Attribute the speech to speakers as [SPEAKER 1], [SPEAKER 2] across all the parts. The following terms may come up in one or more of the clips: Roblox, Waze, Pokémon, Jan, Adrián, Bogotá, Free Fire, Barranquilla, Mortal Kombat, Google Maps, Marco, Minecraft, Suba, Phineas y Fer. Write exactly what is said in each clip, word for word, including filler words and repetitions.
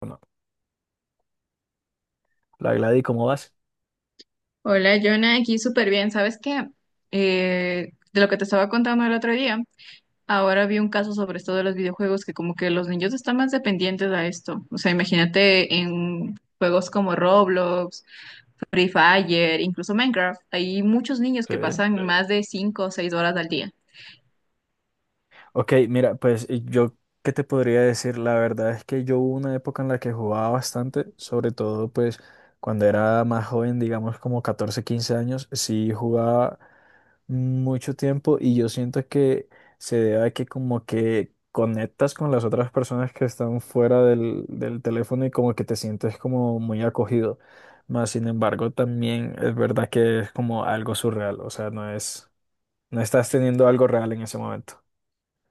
[SPEAKER 1] Bueno, la Gladys, ¿cómo vas?
[SPEAKER 2] Hola, Jonah, aquí súper bien. ¿Sabes qué? Eh, de lo que te estaba contando el otro día, ahora vi un caso sobre esto de los videojuegos que como que los niños están más dependientes a esto. O sea, imagínate en juegos como Roblox, Free Fire, incluso Minecraft, hay muchos niños
[SPEAKER 1] Sí.
[SPEAKER 2] que pasan más de cinco o seis horas al día.
[SPEAKER 1] Ok, mira, pues y yo, ¿qué te podría decir? La verdad es que yo hubo una época en la que jugaba bastante, sobre todo pues cuando era más joven, digamos como catorce, quince años, sí jugaba mucho tiempo y yo siento que se debe a que como que conectas con las otras personas que están fuera del, del teléfono y como que te sientes como muy acogido. Más sin embargo, también es verdad que es como algo surreal, o sea, no es... No estás teniendo algo real en ese momento.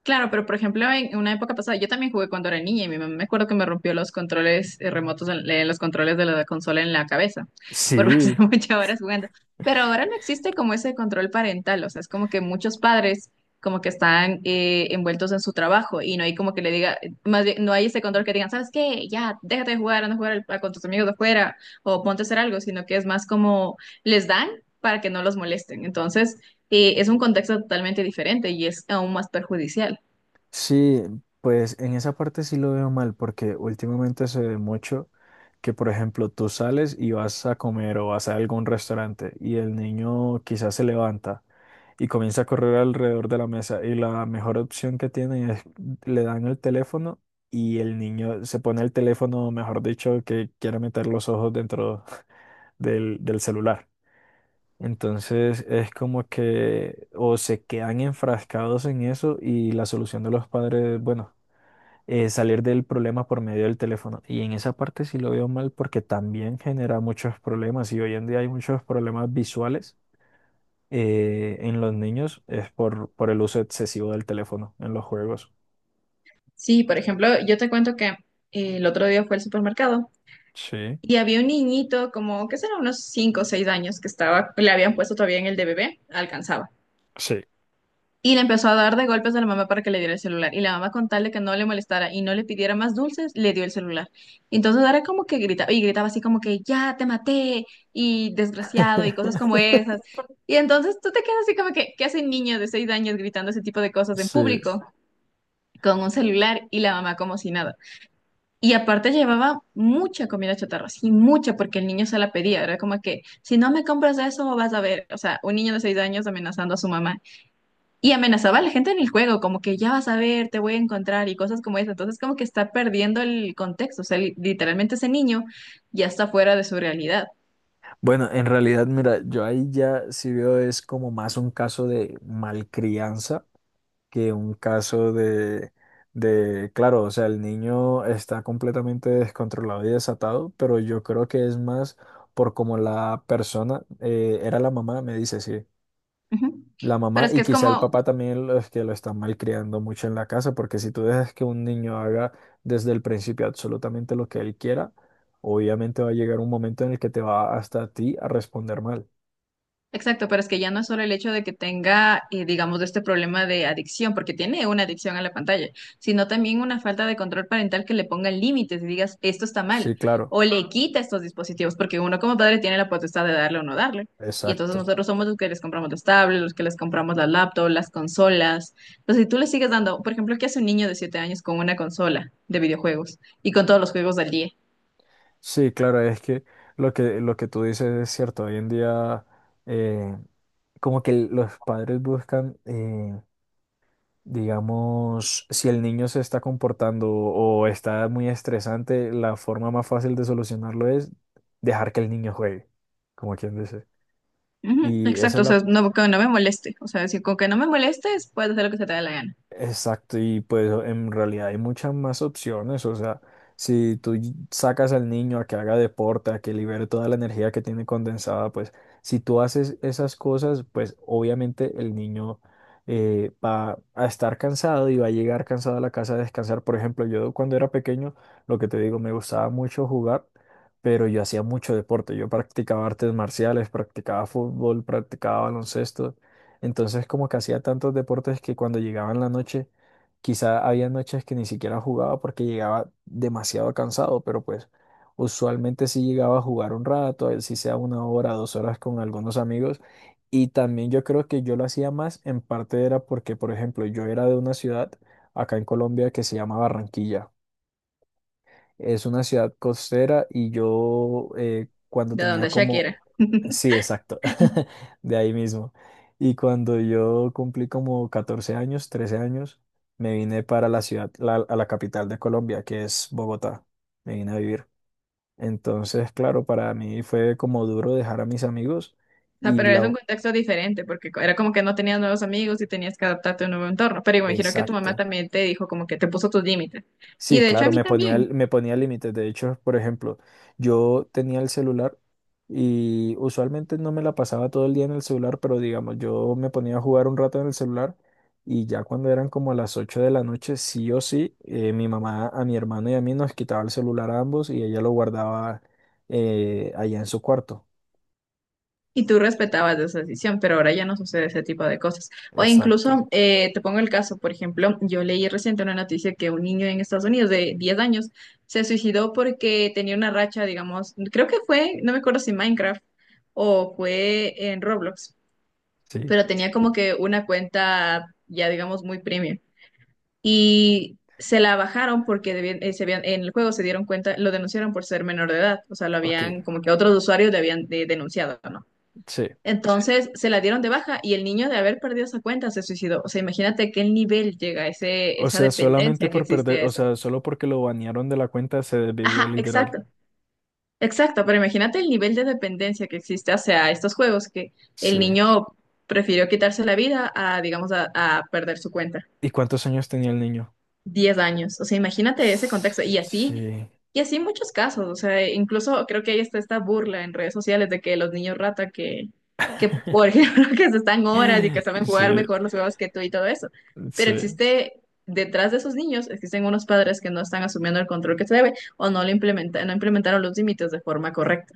[SPEAKER 2] Claro, pero por ejemplo, en una época pasada, yo también jugué cuando era niña y mi mamá me acuerdo que me rompió los controles eh, remotos, en- eh, los controles de la consola en la cabeza por
[SPEAKER 1] Sí,
[SPEAKER 2] pasar muchas horas jugando. Pero ahora no existe como ese control parental, o sea, es como que muchos padres como que están eh, envueltos en su trabajo y no hay como que le diga, más bien, no hay ese control que digan, ¿sabes qué? Ya, déjate de jugar, anda a jugar al- con tus amigos de afuera o ponte a hacer algo, sino que es más como les dan para que no los molesten. Entonces eh, es un contexto totalmente diferente y es aún más perjudicial.
[SPEAKER 1] sí, pues en esa parte sí lo veo mal, porque últimamente se ve mucho que, por ejemplo, tú sales y vas a comer o vas a algún restaurante y el niño quizás se levanta y comienza a correr alrededor de la mesa y la mejor opción que tienen es le dan el teléfono y el niño se pone el teléfono, mejor dicho, que quiere meter los ojos dentro del, del celular. Entonces es como que o se quedan enfrascados en eso y la solución de los padres, bueno, es salir del problema por medio del teléfono. Y en esa parte sí lo veo mal porque también genera muchos problemas y hoy en día hay muchos problemas visuales eh, en los niños es por, por el uso excesivo del teléfono en los juegos.
[SPEAKER 2] Sí, por ejemplo, yo te cuento que eh, el otro día fue al supermercado
[SPEAKER 1] Sí.
[SPEAKER 2] y había un niñito como, qué será, unos cinco o seis años que estaba, le habían puesto todavía en el de bebé, alcanzaba.
[SPEAKER 1] Sí.
[SPEAKER 2] Y le empezó a dar de golpes a la mamá para que le diera el celular. Y la mamá con tal de que no le molestara y no le pidiera más dulces, le dio el celular. Entonces era como que gritaba, y gritaba así como que, ya te maté, y desgraciado, y cosas como esas. Y entonces tú te quedas así como que, ¿qué hace un niño de seis años gritando ese tipo de cosas en
[SPEAKER 1] Sí.
[SPEAKER 2] público con un celular y la mamá como si nada? Y aparte llevaba mucha comida chatarra, sí, mucha, porque el niño se la pedía, era como que, si no me compras eso, vas a ver, o sea, un niño de seis años amenazando a su mamá. Y amenazaba a la gente en el juego, como que ya vas a ver, te voy a encontrar y cosas como eso. Entonces, como que está perdiendo el contexto, o sea, li- literalmente ese niño ya está fuera de su realidad.
[SPEAKER 1] Bueno, en realidad, mira, yo ahí ya sí veo es como más un caso de malcrianza que un caso de, de, claro, o sea, el niño está completamente descontrolado y desatado, pero yo creo que es más por como la persona, eh, era la mamá, me dice, sí,
[SPEAKER 2] Ujú.
[SPEAKER 1] la
[SPEAKER 2] Pero
[SPEAKER 1] mamá
[SPEAKER 2] es
[SPEAKER 1] y
[SPEAKER 2] que es
[SPEAKER 1] quizá el
[SPEAKER 2] como.
[SPEAKER 1] papá también los que lo están malcriando mucho en la casa, porque si tú dejas que un niño haga desde el principio absolutamente lo que él quiera, obviamente va a llegar un momento en el que te va hasta a ti a responder mal.
[SPEAKER 2] Exacto, pero es que ya no es solo el hecho de que tenga, eh, digamos, este problema de adicción, porque tiene una adicción a la pantalla, sino también una falta de control parental que le ponga límites y digas, esto está mal,
[SPEAKER 1] Sí, claro,
[SPEAKER 2] o le quita estos dispositivos, porque uno como padre tiene la potestad de darle o no darle. Y entonces
[SPEAKER 1] exacto.
[SPEAKER 2] nosotros somos los que les compramos los tablets, los que les compramos las laptops, las consolas. Entonces, si tú le sigues dando, por ejemplo, ¿qué hace un niño de siete años con una consola de videojuegos y con todos los juegos del día?
[SPEAKER 1] Sí, claro, es que, lo que, lo que tú dices es cierto. Hoy en día, eh, como que los padres buscan, eh, digamos, si el niño se está comportando o está muy estresante, la forma más fácil de solucionarlo es dejar que el niño juegue, como quien dice.
[SPEAKER 2] Ujú,
[SPEAKER 1] Y esa
[SPEAKER 2] exacto,
[SPEAKER 1] es
[SPEAKER 2] o
[SPEAKER 1] la,
[SPEAKER 2] sea, no, que no me moleste. O sea, si con que no me molestes, puedes hacer lo que se te dé la gana.
[SPEAKER 1] Exacto, y pues en realidad hay muchas más opciones, o sea, si tú y- sacas al niño a que haga deporte, a que libere toda la energía que tiene condensada, pues si tú haces esas cosas, pues obviamente el niño eh, va a estar cansado y va a llegar cansado a la casa a descansar. Por ejemplo, yo cuando era pequeño, lo que te digo, me gustaba mucho jugar, pero yo hacía mucho deporte, yo practicaba artes marciales, practicaba fútbol, practicaba baloncesto. Entonces, como que hacía tantos deportes que cuando llegaba en la noche, quizá había noches que ni siquiera jugaba porque llegaba demasiado cansado, pero pues usualmente sí llegaba a jugar un rato, así sea una hora, dos horas con algunos amigos. Y también yo creo que yo lo hacía más, en parte era porque, por ejemplo, yo era de una ciudad acá en Colombia que se llama Barranquilla. Es una ciudad costera y yo eh, cuando
[SPEAKER 2] De
[SPEAKER 1] tenía
[SPEAKER 2] donde ella quiera.
[SPEAKER 1] como... Sí, exacto, de ahí mismo. Y cuando yo cumplí como catorce años, trece años, me vine para la ciudad, la- a la capital de Colombia, que es Bogotá. Me vine a vivir. Entonces, claro, para mí fue como duro dejar a mis amigos
[SPEAKER 2] O sea,
[SPEAKER 1] y
[SPEAKER 2] pero es
[SPEAKER 1] la...
[SPEAKER 2] un
[SPEAKER 1] u-
[SPEAKER 2] contexto diferente, porque co- era como que no tenías nuevos amigos y tenías que adaptarte a un nuevo entorno. Pero imagino que tu mamá
[SPEAKER 1] Exacto.
[SPEAKER 2] también te dijo como que te puso tus límites. Y
[SPEAKER 1] Sí,
[SPEAKER 2] de hecho a
[SPEAKER 1] claro,
[SPEAKER 2] mí
[SPEAKER 1] me ponía,
[SPEAKER 2] también.
[SPEAKER 1] el- me ponía límites. De hecho, por ejemplo, yo tenía el celular y usualmente no me la pasaba todo el día en el celular, pero digamos, yo me ponía a jugar un rato en el celular y ya cuando eran como a las ocho de la noche, sí o sí, eh, mi mamá a mi hermano y a mí nos quitaba el celular a ambos y ella lo guardaba eh, allá en su cuarto.
[SPEAKER 2] Y tú respetabas esa decisión, pero ahora ya no sucede ese tipo de cosas. O
[SPEAKER 1] Exacto.
[SPEAKER 2] incluso, eh, te pongo el caso, por ejemplo, yo leí reciente una noticia que un niño en Estados Unidos de diez años se suicidó porque tenía una racha, digamos, creo que fue, no me acuerdo si Minecraft o fue en Roblox,
[SPEAKER 1] Sí.
[SPEAKER 2] pero tenía como que una cuenta ya digamos muy premium y se la bajaron porque debían- eh, se habían- en el juego se dieron cuenta, lo denunciaron por ser menor de edad, o sea, lo
[SPEAKER 1] Ok,
[SPEAKER 2] habían como que otros usuarios le habían de- denunciado, ¿no? Sí.
[SPEAKER 1] sí.
[SPEAKER 2] Entonces se la dieron de baja y el niño de haber perdido esa cuenta se suicidó. O sea, imagínate qué nivel llega ese,
[SPEAKER 1] O
[SPEAKER 2] esa
[SPEAKER 1] sea, solamente
[SPEAKER 2] dependencia que
[SPEAKER 1] por
[SPEAKER 2] existe
[SPEAKER 1] perder,
[SPEAKER 2] a
[SPEAKER 1] o
[SPEAKER 2] eso.
[SPEAKER 1] sea, solo porque lo banearon de la cuenta se desvivió
[SPEAKER 2] Ajá,
[SPEAKER 1] literal.
[SPEAKER 2] exacto, exacto, pero imagínate el nivel de dependencia que existe hacia estos juegos que el
[SPEAKER 1] Sí.
[SPEAKER 2] niño prefirió quitarse la vida a, digamos, a a perder su cuenta.
[SPEAKER 1] ¿Y cuántos años tenía el niño?
[SPEAKER 2] Diez años. O sea, imagínate ese contexto. Y así,
[SPEAKER 1] Sí,
[SPEAKER 2] y así muchos casos. O sea, incluso creo que ahí está esta burla en redes sociales de que los niños rata que, que por ejemplo, que se están horas y que saben
[SPEAKER 1] sí,
[SPEAKER 2] jugar mejor los juegos que tú y todo eso. Pero
[SPEAKER 1] sí.
[SPEAKER 2] existe, detrás de esos niños, existen unos padres que no están asumiendo el control que se debe o no lo implementa, no implementaron los límites de forma correcta.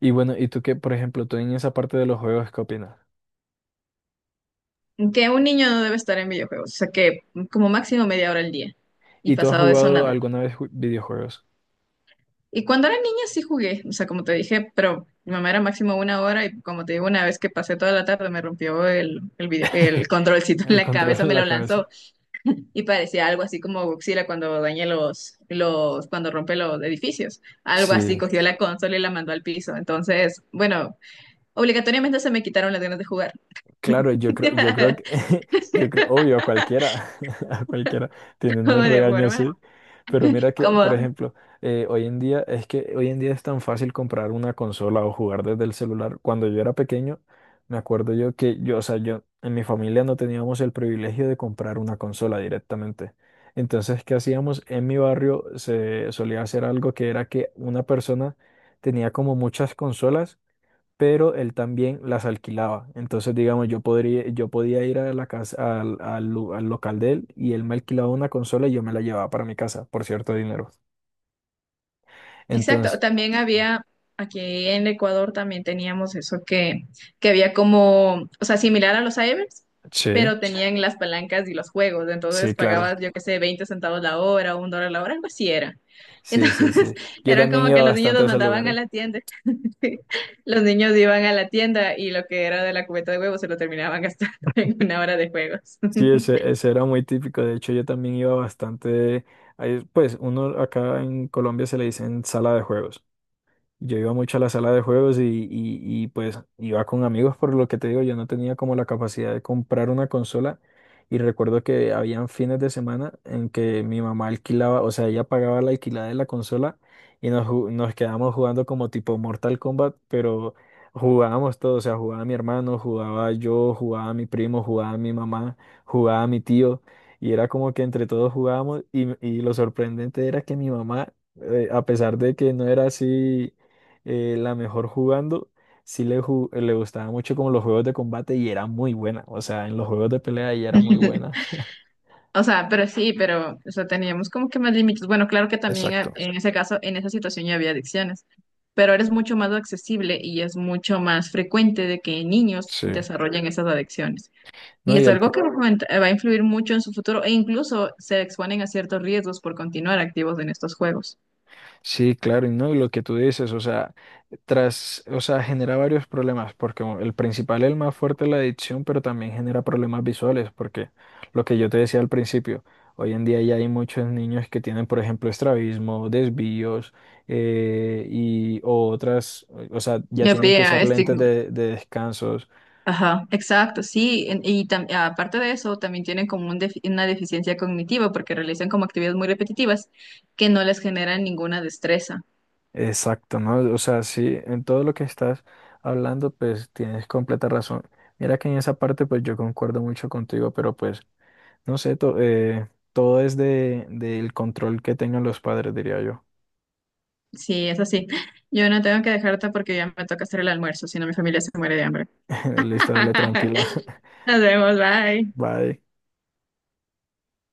[SPEAKER 1] Y bueno, ¿y tú qué, por ejemplo, tú en esa parte de los juegos, qué opinas?
[SPEAKER 2] Que un niño no debe estar en videojuegos. O sea, que como máximo media hora al día. Y
[SPEAKER 1] ¿Y tú has
[SPEAKER 2] pasado de eso,
[SPEAKER 1] jugado
[SPEAKER 2] nada.
[SPEAKER 1] alguna vez ju- videojuegos?
[SPEAKER 2] Y cuando era niña sí jugué, o sea, como te dije, pero mi mamá era máximo una hora y como te digo, una vez que pasé toda la tarde me rompió el, el video, el controlcito en
[SPEAKER 1] El
[SPEAKER 2] la
[SPEAKER 1] control
[SPEAKER 2] cabeza,
[SPEAKER 1] en
[SPEAKER 2] me
[SPEAKER 1] la
[SPEAKER 2] lo
[SPEAKER 1] cabeza.
[SPEAKER 2] lanzó y parecía algo así como Godzilla cuando daña los, los, cuando rompe los edificios. Algo así,
[SPEAKER 1] Sí.
[SPEAKER 2] cogió la consola y la mandó al piso. Entonces, bueno, obligatoriamente se me quitaron las ganas de jugar.
[SPEAKER 1] Claro, yo creo, yo creo que, yo creo, obvio, a cualquiera, a cualquiera, teniendo
[SPEAKER 2] Como
[SPEAKER 1] un
[SPEAKER 2] de
[SPEAKER 1] regaño
[SPEAKER 2] forma,
[SPEAKER 1] así. Pero mira que, por
[SPEAKER 2] como.
[SPEAKER 1] ejemplo, eh, hoy en día, es que hoy en día es tan fácil comprar una consola o jugar desde el celular. Cuando yo era pequeño, me acuerdo yo que yo, o sea, yo, en mi familia no teníamos el privilegio de comprar una consola directamente. Entonces, ¿qué hacíamos? En mi barrio se solía hacer algo que era que una persona tenía como muchas consolas pero él también las alquilaba. Entonces, digamos, yo podría, yo podía ir a la casa, al, al lu- al local de él y él me alquilaba una consola y yo me la llevaba para mi casa por cierto dinero.
[SPEAKER 2] Exacto,
[SPEAKER 1] Entonces,
[SPEAKER 2] también
[SPEAKER 1] sí.
[SPEAKER 2] había, aquí en Ecuador también teníamos eso que, que había como, o sea, similar a los cybers,
[SPEAKER 1] Sí,
[SPEAKER 2] pero tenían las palancas y los juegos,
[SPEAKER 1] sí,
[SPEAKER 2] entonces
[SPEAKER 1] claro.
[SPEAKER 2] pagabas, yo qué sé, veinte centavos la hora, un dólar la hora, algo así era.
[SPEAKER 1] Sí, sí,
[SPEAKER 2] Entonces,
[SPEAKER 1] sí. Yo
[SPEAKER 2] era
[SPEAKER 1] también
[SPEAKER 2] como que
[SPEAKER 1] iba
[SPEAKER 2] los niños
[SPEAKER 1] bastante
[SPEAKER 2] los
[SPEAKER 1] a esos
[SPEAKER 2] mandaban a
[SPEAKER 1] lugares.
[SPEAKER 2] la tienda, los niños iban a la tienda y lo que era de la cubeta de huevos se lo terminaban gastando en una hora de juegos.
[SPEAKER 1] Sí, ese, ese era muy típico. De hecho, yo también iba bastante, ahí, pues uno acá en Colombia se le dicen sala de juegos. Yo iba mucho a la sala de juegos y, y, y, pues iba con amigos, por lo que te digo, yo no tenía como la capacidad de comprar una consola y recuerdo que habían fines de semana en que mi mamá alquilaba, o sea, ella pagaba la alquilada de la consola y nos, ju- nos quedábamos jugando como tipo Mortal Kombat, pero jugábamos todo o sea, jugaba mi hermano, jugaba yo, jugaba mi primo, jugaba mi mamá, jugaba mi tío y era como que entre todos jugábamos y, y lo sorprendente era que mi mamá, eh, a pesar de que no era así, eh, la mejor jugando, sí le, ju- le gustaba mucho como los juegos de combate y era muy buena. O sea, en los juegos de pelea ella era muy buena.
[SPEAKER 2] O sea, pero sí, pero, o sea, teníamos como que más límites. Bueno, claro que también eh,
[SPEAKER 1] Exacto.
[SPEAKER 2] en ese caso, en esa situación ya había adicciones, pero eres mucho más accesible y es mucho más frecuente de que niños
[SPEAKER 1] Sí.
[SPEAKER 2] desarrollen esas adicciones. Y
[SPEAKER 1] No, y
[SPEAKER 2] es
[SPEAKER 1] el,
[SPEAKER 2] algo que foment- eh, va a influir mucho en su futuro e incluso se exponen a ciertos riesgos por continuar activos en estos juegos.
[SPEAKER 1] Sí, claro, y no, y lo que tú dices, o sea, tras, o sea, genera varios problemas, porque el principal, el más fuerte es la adicción, pero también genera problemas visuales, porque lo que yo te decía al principio, hoy en día ya hay muchos niños que tienen, por ejemplo, estrabismo, desvíos, eh, y o otras, o sea, ya
[SPEAKER 2] Ya
[SPEAKER 1] tienen que
[SPEAKER 2] pía,
[SPEAKER 1] usar lentes
[SPEAKER 2] estigma.
[SPEAKER 1] de, de descansos.
[SPEAKER 2] Ajá, exacto, sí. en- Y tam- aparte de eso, también tienen como un defi- una deficiencia cognitiva porque realizan como actividades muy repetitivas que no les generan ninguna destreza.
[SPEAKER 1] Exacto, ¿no? O sea, sí, en todo lo que estás hablando, pues tienes completa razón. Mira que en esa parte, pues yo concuerdo mucho contigo, pero pues no sé, to- eh, todo es de, del control que tengan los padres, diría yo.
[SPEAKER 2] Sí, es así. Yo no tengo que dejarte porque ya me toca hacer el almuerzo, si no mi familia se muere de hambre.
[SPEAKER 1] Listo, dale tranquila.
[SPEAKER 2] Nos vemos, bye.
[SPEAKER 1] Bye.